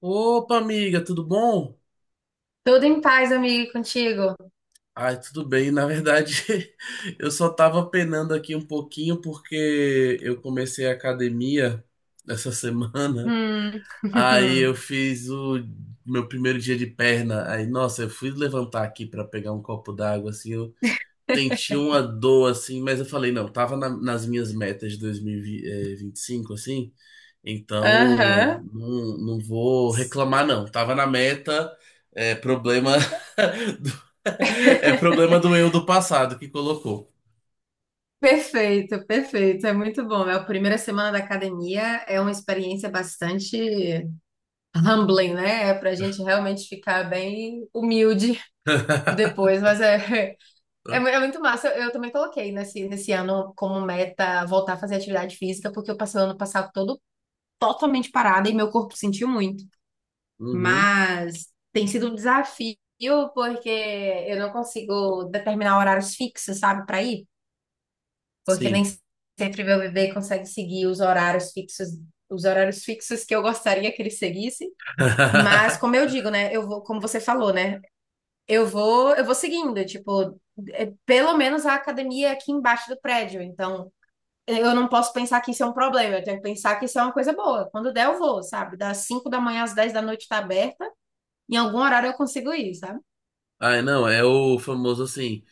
Opa, amiga, tudo bom? Tudo em paz, amigo, contigo? Ai, tudo bem. Na verdade, eu só tava penando aqui um pouquinho porque eu comecei a academia essa semana. Hum. Aí eu fiz o meu primeiro dia de perna. Aí, nossa, eu fui levantar aqui pra pegar um copo d'água, assim, eu senti uma dor, assim, mas eu falei, não, tava nas minhas metas de dois mil e vinte e cinco assim. Então, Aham. não, não vou reclamar, não. Tava na meta, é problema do, é problema do eu do passado que colocou. Perfeito, perfeito. É muito bom. É a primeira semana da academia, é uma experiência bastante humbling, né? É pra gente realmente ficar bem humilde depois, mas Né? É muito massa. Eu também coloquei nesse ano como meta voltar a fazer atividade física, porque eu passei o ano passado todo totalmente parada e meu corpo sentiu muito. Uhum, Mas tem sido um desafio porque eu não consigo determinar horários fixos, sabe, para ir, porque nem sim. sempre meu bebê consegue seguir os horários fixos que eu gostaria que ele seguisse. Mas como eu digo, né, eu vou, como você falou, né, eu vou seguindo, tipo, pelo menos a academia é aqui embaixo do prédio, então eu não posso pensar que isso é um problema, eu tenho que pensar que isso é uma coisa boa. Quando der, eu vou, sabe? Das 5 da manhã às 10 da noite tá aberta. Em algum horário eu consigo ir, sabe? Ai, não, é o famoso assim,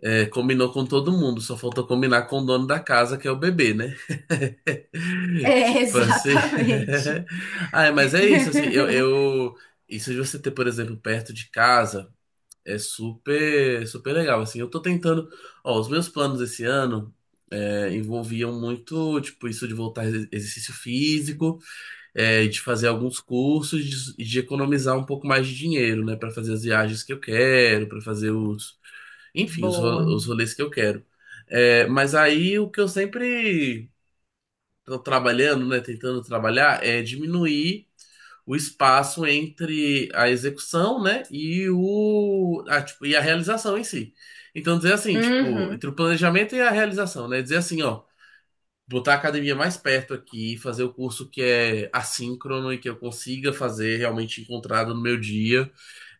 é, combinou com todo mundo, só faltou combinar com o dono da casa, que é o bebê, né? É, Tipo assim. exatamente. Ai, mas é isso, assim. Isso de você ter, por exemplo, perto de casa. É super, super legal, assim, eu tô tentando, ó, os meus planos esse ano é, envolviam muito, tipo, isso de voltar a exercício físico, é, de fazer alguns cursos, de economizar um pouco mais de dinheiro, né, pra fazer as viagens que eu quero, pra fazer os, enfim, Boa. os rolês que eu quero. É, mas aí o que eu sempre estão trabalhando, né, tentando trabalhar, é diminuir o espaço entre a execução, né, e o a, tipo, e a realização em si. Então dizer assim, tipo, Uhum. entre o planejamento e a realização, né, dizer assim, ó, botar a academia mais perto aqui, fazer o curso que é assíncrono e que eu consiga fazer realmente encontrado no meu dia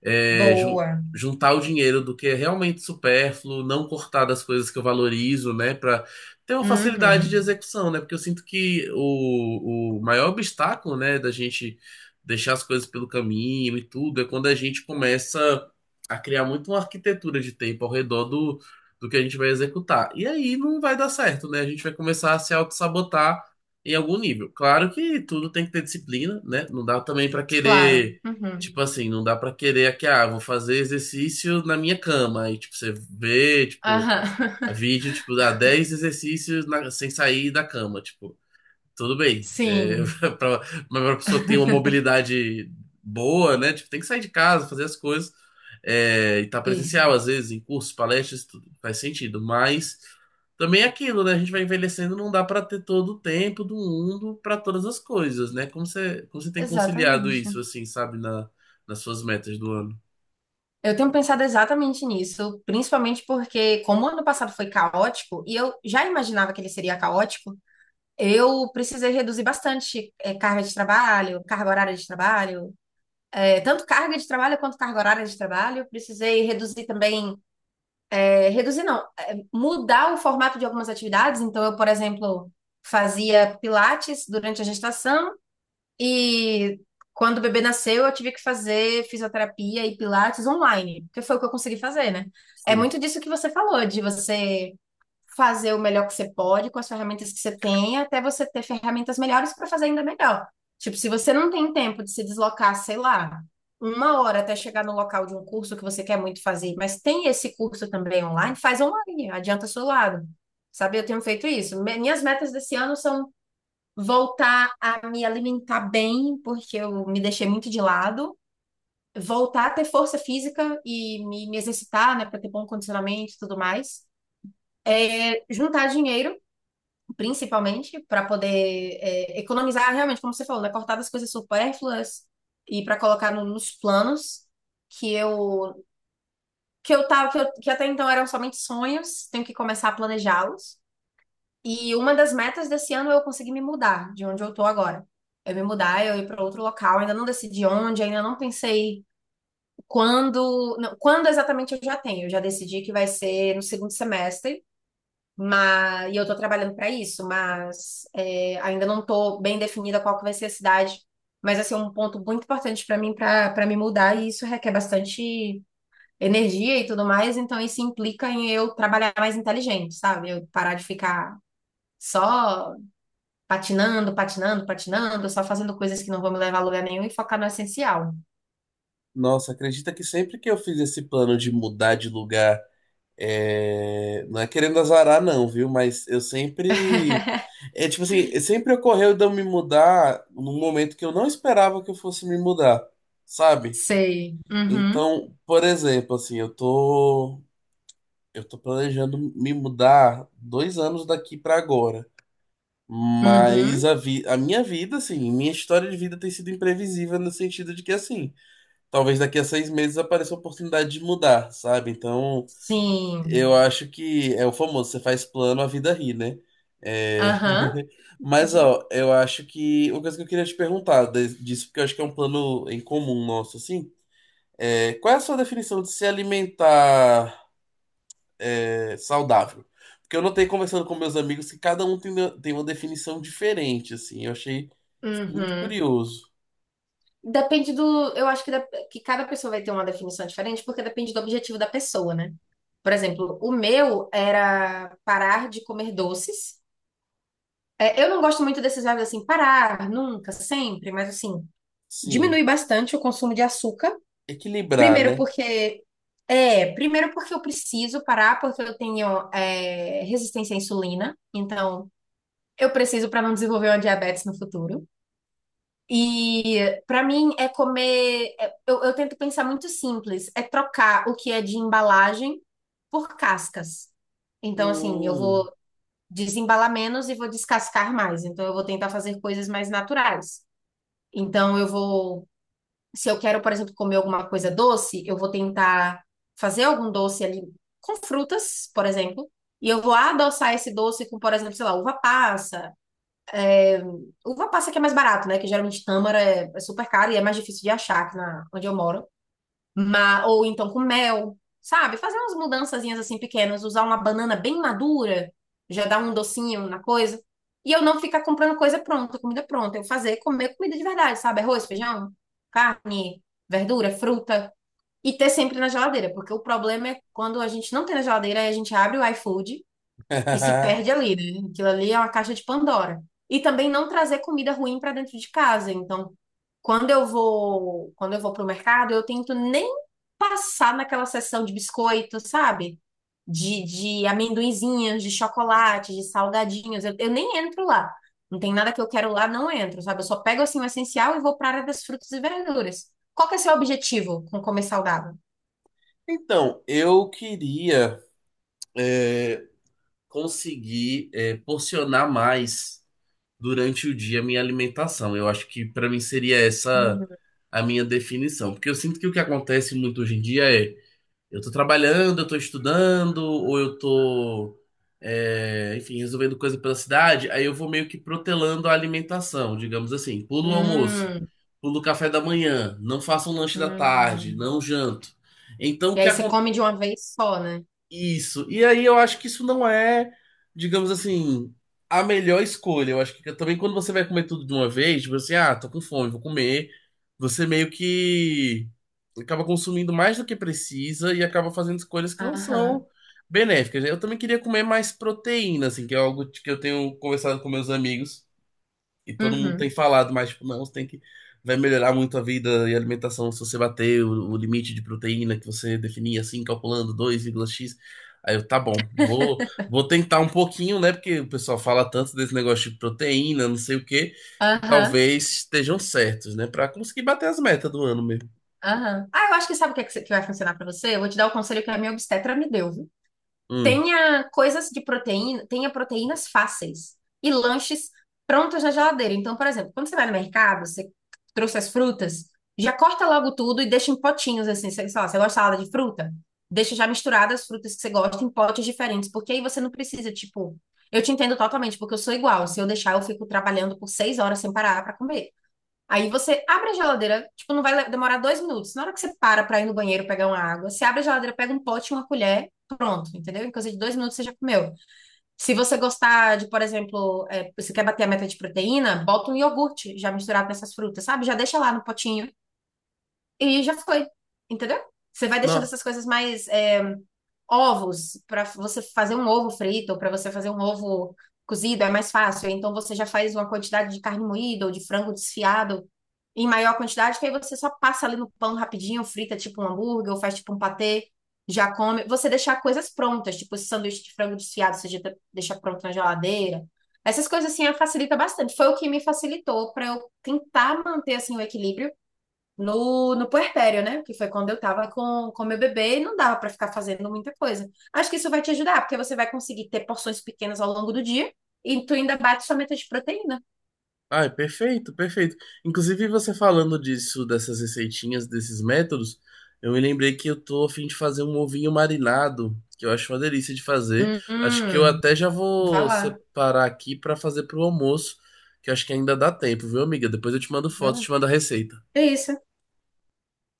é, Boa. juntar o dinheiro do que é realmente supérfluo, não cortar das coisas que eu valorizo, né, para ter uma facilidade de Uhum. execução, né? Porque eu sinto que o maior obstáculo, né, da gente deixar as coisas pelo caminho e tudo é quando a gente começa a criar muito uma arquitetura de tempo ao redor do, do que a gente vai executar. E aí não vai dar certo, né? A gente vai começar a se auto-sabotar em algum nível. Claro que tudo tem que ter disciplina, né? Não dá também para Claro. querer. Uhum. Tipo assim, não dá pra querer que, ah, vou fazer exercício na minha cama. Aí, tipo, você vê, tipo, Aham. vídeo, tipo, dá 10 exercícios sem sair da cama, tipo. Tudo bem. É, Sim, pra, mas pra pessoa ter uma mobilidade boa, né? Tipo, tem que sair de casa, fazer as coisas. É, e tá isso. presencial, às vezes, em cursos, palestras, tudo faz sentido. Mas também é aquilo, né? A gente vai envelhecendo, não dá para ter todo o tempo do mundo para todas as coisas, né? Como você tem conciliado Exatamente. isso, assim, sabe, na, nas suas metas do ano? Eu tenho pensado exatamente nisso, principalmente porque, como o ano passado foi caótico, e eu já imaginava que ele seria caótico, eu precisei reduzir bastante, carga de trabalho, carga horária de trabalho, tanto carga de trabalho quanto carga horária de trabalho. Precisei reduzir também. Reduzir não, mudar o formato de algumas atividades. Então, eu, por exemplo, fazia pilates durante a gestação e quando o bebê nasceu, eu tive que fazer fisioterapia e pilates online, porque foi o que eu consegui fazer, né? É Sim. muito disso que você falou, de você fazer o melhor que você pode com as ferramentas que você tem, até você ter ferramentas melhores para fazer ainda melhor. Tipo, se você não tem tempo de se deslocar, sei lá, uma hora até chegar no local de um curso que você quer muito fazer, mas tem esse curso também online, faz online, adianta seu lado. Sabe, eu tenho feito isso. Minhas metas desse ano são voltar a me alimentar bem, porque eu me deixei muito de lado, voltar a ter força física e me exercitar, né, para ter bom condicionamento e tudo mais. Juntar dinheiro principalmente, para poder economizar, realmente, como você falou, né? Cortar das coisas supérfluas e para colocar nos planos que eu que eu tava que até então eram somente sonhos, tenho que começar a planejá-los. E uma das metas desse ano é eu conseguir me mudar de onde eu tô agora. Eu me mudar, eu ir para outro local, ainda não decidi onde, ainda não pensei quando, não, quando exatamente eu já tenho. Eu já decidi que vai ser no segundo semestre, mas, e eu estou trabalhando para isso, mas ainda não estou bem definida qual que vai ser a cidade. Mas assim, é um ponto muito importante para mim para para me mudar, e isso requer bastante energia e tudo mais, então isso implica em eu trabalhar mais inteligente, sabe? Eu parar de ficar só patinando, patinando, patinando, só fazendo coisas que não vão me levar a lugar nenhum e focar no essencial. Nossa, acredita que sempre que eu fiz esse plano de mudar de lugar. É, não é querendo azarar, não, viu? Mas eu sempre. É tipo assim, sempre ocorreu de eu me mudar num momento que eu não esperava que eu fosse me mudar, sabe? Sei. Uhum. Então, por exemplo, assim, eu tô. Eu tô planejando me mudar 2 anos daqui pra agora. Mas Uhum. a, vi a minha vida, assim, minha história de vida tem sido imprevisível no sentido de que, assim, talvez daqui a 6 meses apareça a oportunidade de mudar, sabe? Então. Eu Sim. acho que é o famoso, você faz plano, a vida ri, né? É... Aham. Mas, Uhum. ó, eu acho que uma coisa que eu queria te perguntar disso, porque eu acho que é um plano em comum nosso, assim, é qual é a sua definição de se alimentar é, saudável? Porque eu notei conversando com meus amigos que cada um tem, tem uma definição diferente, assim, eu achei muito Uhum. curioso. Depende do. Eu acho que, que cada pessoa vai ter uma definição diferente, porque depende do objetivo da pessoa, né? Por exemplo, o meu era parar de comer doces. Eu não gosto muito desses verbos assim, parar, nunca, sempre, mas assim, Sim, diminui bastante o consumo de açúcar. equilibrar, Primeiro né? porque. Primeiro porque eu preciso parar, porque eu tenho, resistência à insulina. Então, eu preciso para não desenvolver uma diabetes no futuro. E para mim é comer. Eu tento pensar muito simples, é trocar o que é de embalagem por cascas. Então, assim, eu Hum. vou desembalar menos e vou descascar mais. Então, eu vou tentar fazer coisas mais naturais. Então, eu vou. Se eu quero, por exemplo, comer alguma coisa doce, eu vou tentar fazer algum doce ali com frutas, por exemplo. E eu vou adoçar esse doce com, por exemplo, sei lá, uva passa. Uva passa que é mais barato, né? Que geralmente tâmara é super caro e é mais difícil de achar aqui na, onde eu moro. Mas, ou então com mel, sabe? Fazer umas mudançazinhas assim pequenas, usar uma banana bem madura, já dá um docinho na coisa. E eu não ficar comprando coisa pronta, comida pronta. Eu fazer, comer comida de verdade, sabe? Arroz, feijão, carne, verdura, fruta. E ter sempre na geladeira, porque o problema é quando a gente não tem na geladeira, aí a gente abre o iFood e se perde ali, né? Aquilo ali é uma caixa de Pandora. E também não trazer comida ruim para dentro de casa. Então, quando eu vou pro mercado, eu tento nem passar naquela seção de biscoito, sabe? De amendoinzinhos, de chocolate, de salgadinhos. Eu nem entro lá. Não tem nada que eu quero lá, não entro, sabe? Eu só pego assim o essencial e vou para a área das frutas e verduras. Qual que é o seu objetivo com comer saudável? Então, eu queria, é, conseguir, porcionar mais durante o dia a minha alimentação. Eu acho que para mim seria essa Hum, a minha definição, porque eu sinto que o que acontece muito hoje em dia é eu tô trabalhando, eu tô estudando, ou eu tô é, enfim, resolvendo coisa pela cidade, aí eu vou meio que protelando a alimentação, digamos assim, pulo o almoço, hum, pulo o café da manhã, não faço um lanche da tarde, hum. não janto. Então, o E que aí você come de uma vez só, né? isso. E aí eu acho que isso não é, digamos assim, a melhor escolha. Eu acho que também quando você vai comer tudo de uma vez, tipo assim, ah, tô com fome, vou comer. Você meio que acaba consumindo mais do que precisa e acaba fazendo escolhas que não Aham. são benéficas, né? Eu também queria comer mais proteína, assim, que é algo que eu tenho conversado com meus amigos. E todo mundo tem Uhum. falado, mas tipo, não, você tem que. Vai melhorar muito a vida e a alimentação se você bater o limite de proteína que você definia assim, calculando dois vírgula x. Aí eu, tá bom, vou tentar um pouquinho, né? Porque o pessoal fala tanto desse negócio de proteína, não sei o quê, que Aham. talvez estejam certos, né? Pra conseguir bater as metas do ano mesmo. Aham. Ah, eu acho que sabe o que, é que vai funcionar pra você? Eu vou te dar o conselho que a minha obstetra me deu, viu? Hum. Tenha coisas de proteína, tenha proteínas fáceis e lanches prontos na geladeira. Então, por exemplo, quando você vai no mercado, você trouxe as frutas, já corta logo tudo e deixa em potinhos assim, sei lá, você gosta de salada de fruta? Deixa já misturadas as frutas que você gosta em potes diferentes, porque aí você não precisa, tipo, eu te entendo totalmente, porque eu sou igual. Se eu deixar, eu fico trabalhando por 6 horas sem parar pra comer. Aí você abre a geladeira, tipo, não vai demorar 2 minutos. Na hora que você para pra ir no banheiro pegar uma água, você abre a geladeira, pega um pote, e uma colher, pronto, entendeu? Em coisa de 2 minutos você já comeu. Se você gostar de, por exemplo, você quer bater a meta de proteína, bota um iogurte já misturado nessas frutas, sabe? Já deixa lá no potinho e já foi, entendeu? Você vai deixando Não. essas coisas mais ovos pra você fazer um ovo frito ou para você fazer um ovo cozido é mais fácil. Então você já faz uma quantidade de carne moída ou de frango desfiado em maior quantidade, que aí você só passa ali no pão rapidinho, frita tipo um hambúrguer, ou faz tipo um patê, já come. Você deixar coisas prontas, tipo esse sanduíche de frango desfiado, você já deixa pronto na geladeira. Essas coisas assim facilita bastante. Foi o que me facilitou para eu tentar manter assim o equilíbrio no puerpério, né? Que foi quando eu tava com meu bebê e não dava para ficar fazendo muita coisa. Acho que isso vai te ajudar, porque você vai conseguir ter porções pequenas ao longo do dia e tu ainda bate sua meta de proteína. Ah, perfeito, perfeito. Inclusive, você falando disso, dessas receitinhas, desses métodos, eu me lembrei que eu tô a fim de fazer um ovinho marinado, que eu acho uma delícia de fazer. Hum, Acho que eu hum. até já Vai vou lá. separar aqui pra fazer pro almoço, que eu acho que ainda dá tempo, viu, amiga? Depois eu te mando Vai foto, lá. te mando a receita. É isso.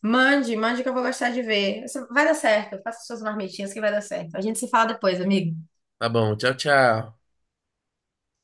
Mande, mande que eu vou gostar de ver. Isso vai dar certo. Faça suas marmitinhas que vai dar certo. A gente se fala depois, amigo. Tá bom, tchau, tchau. Tchau.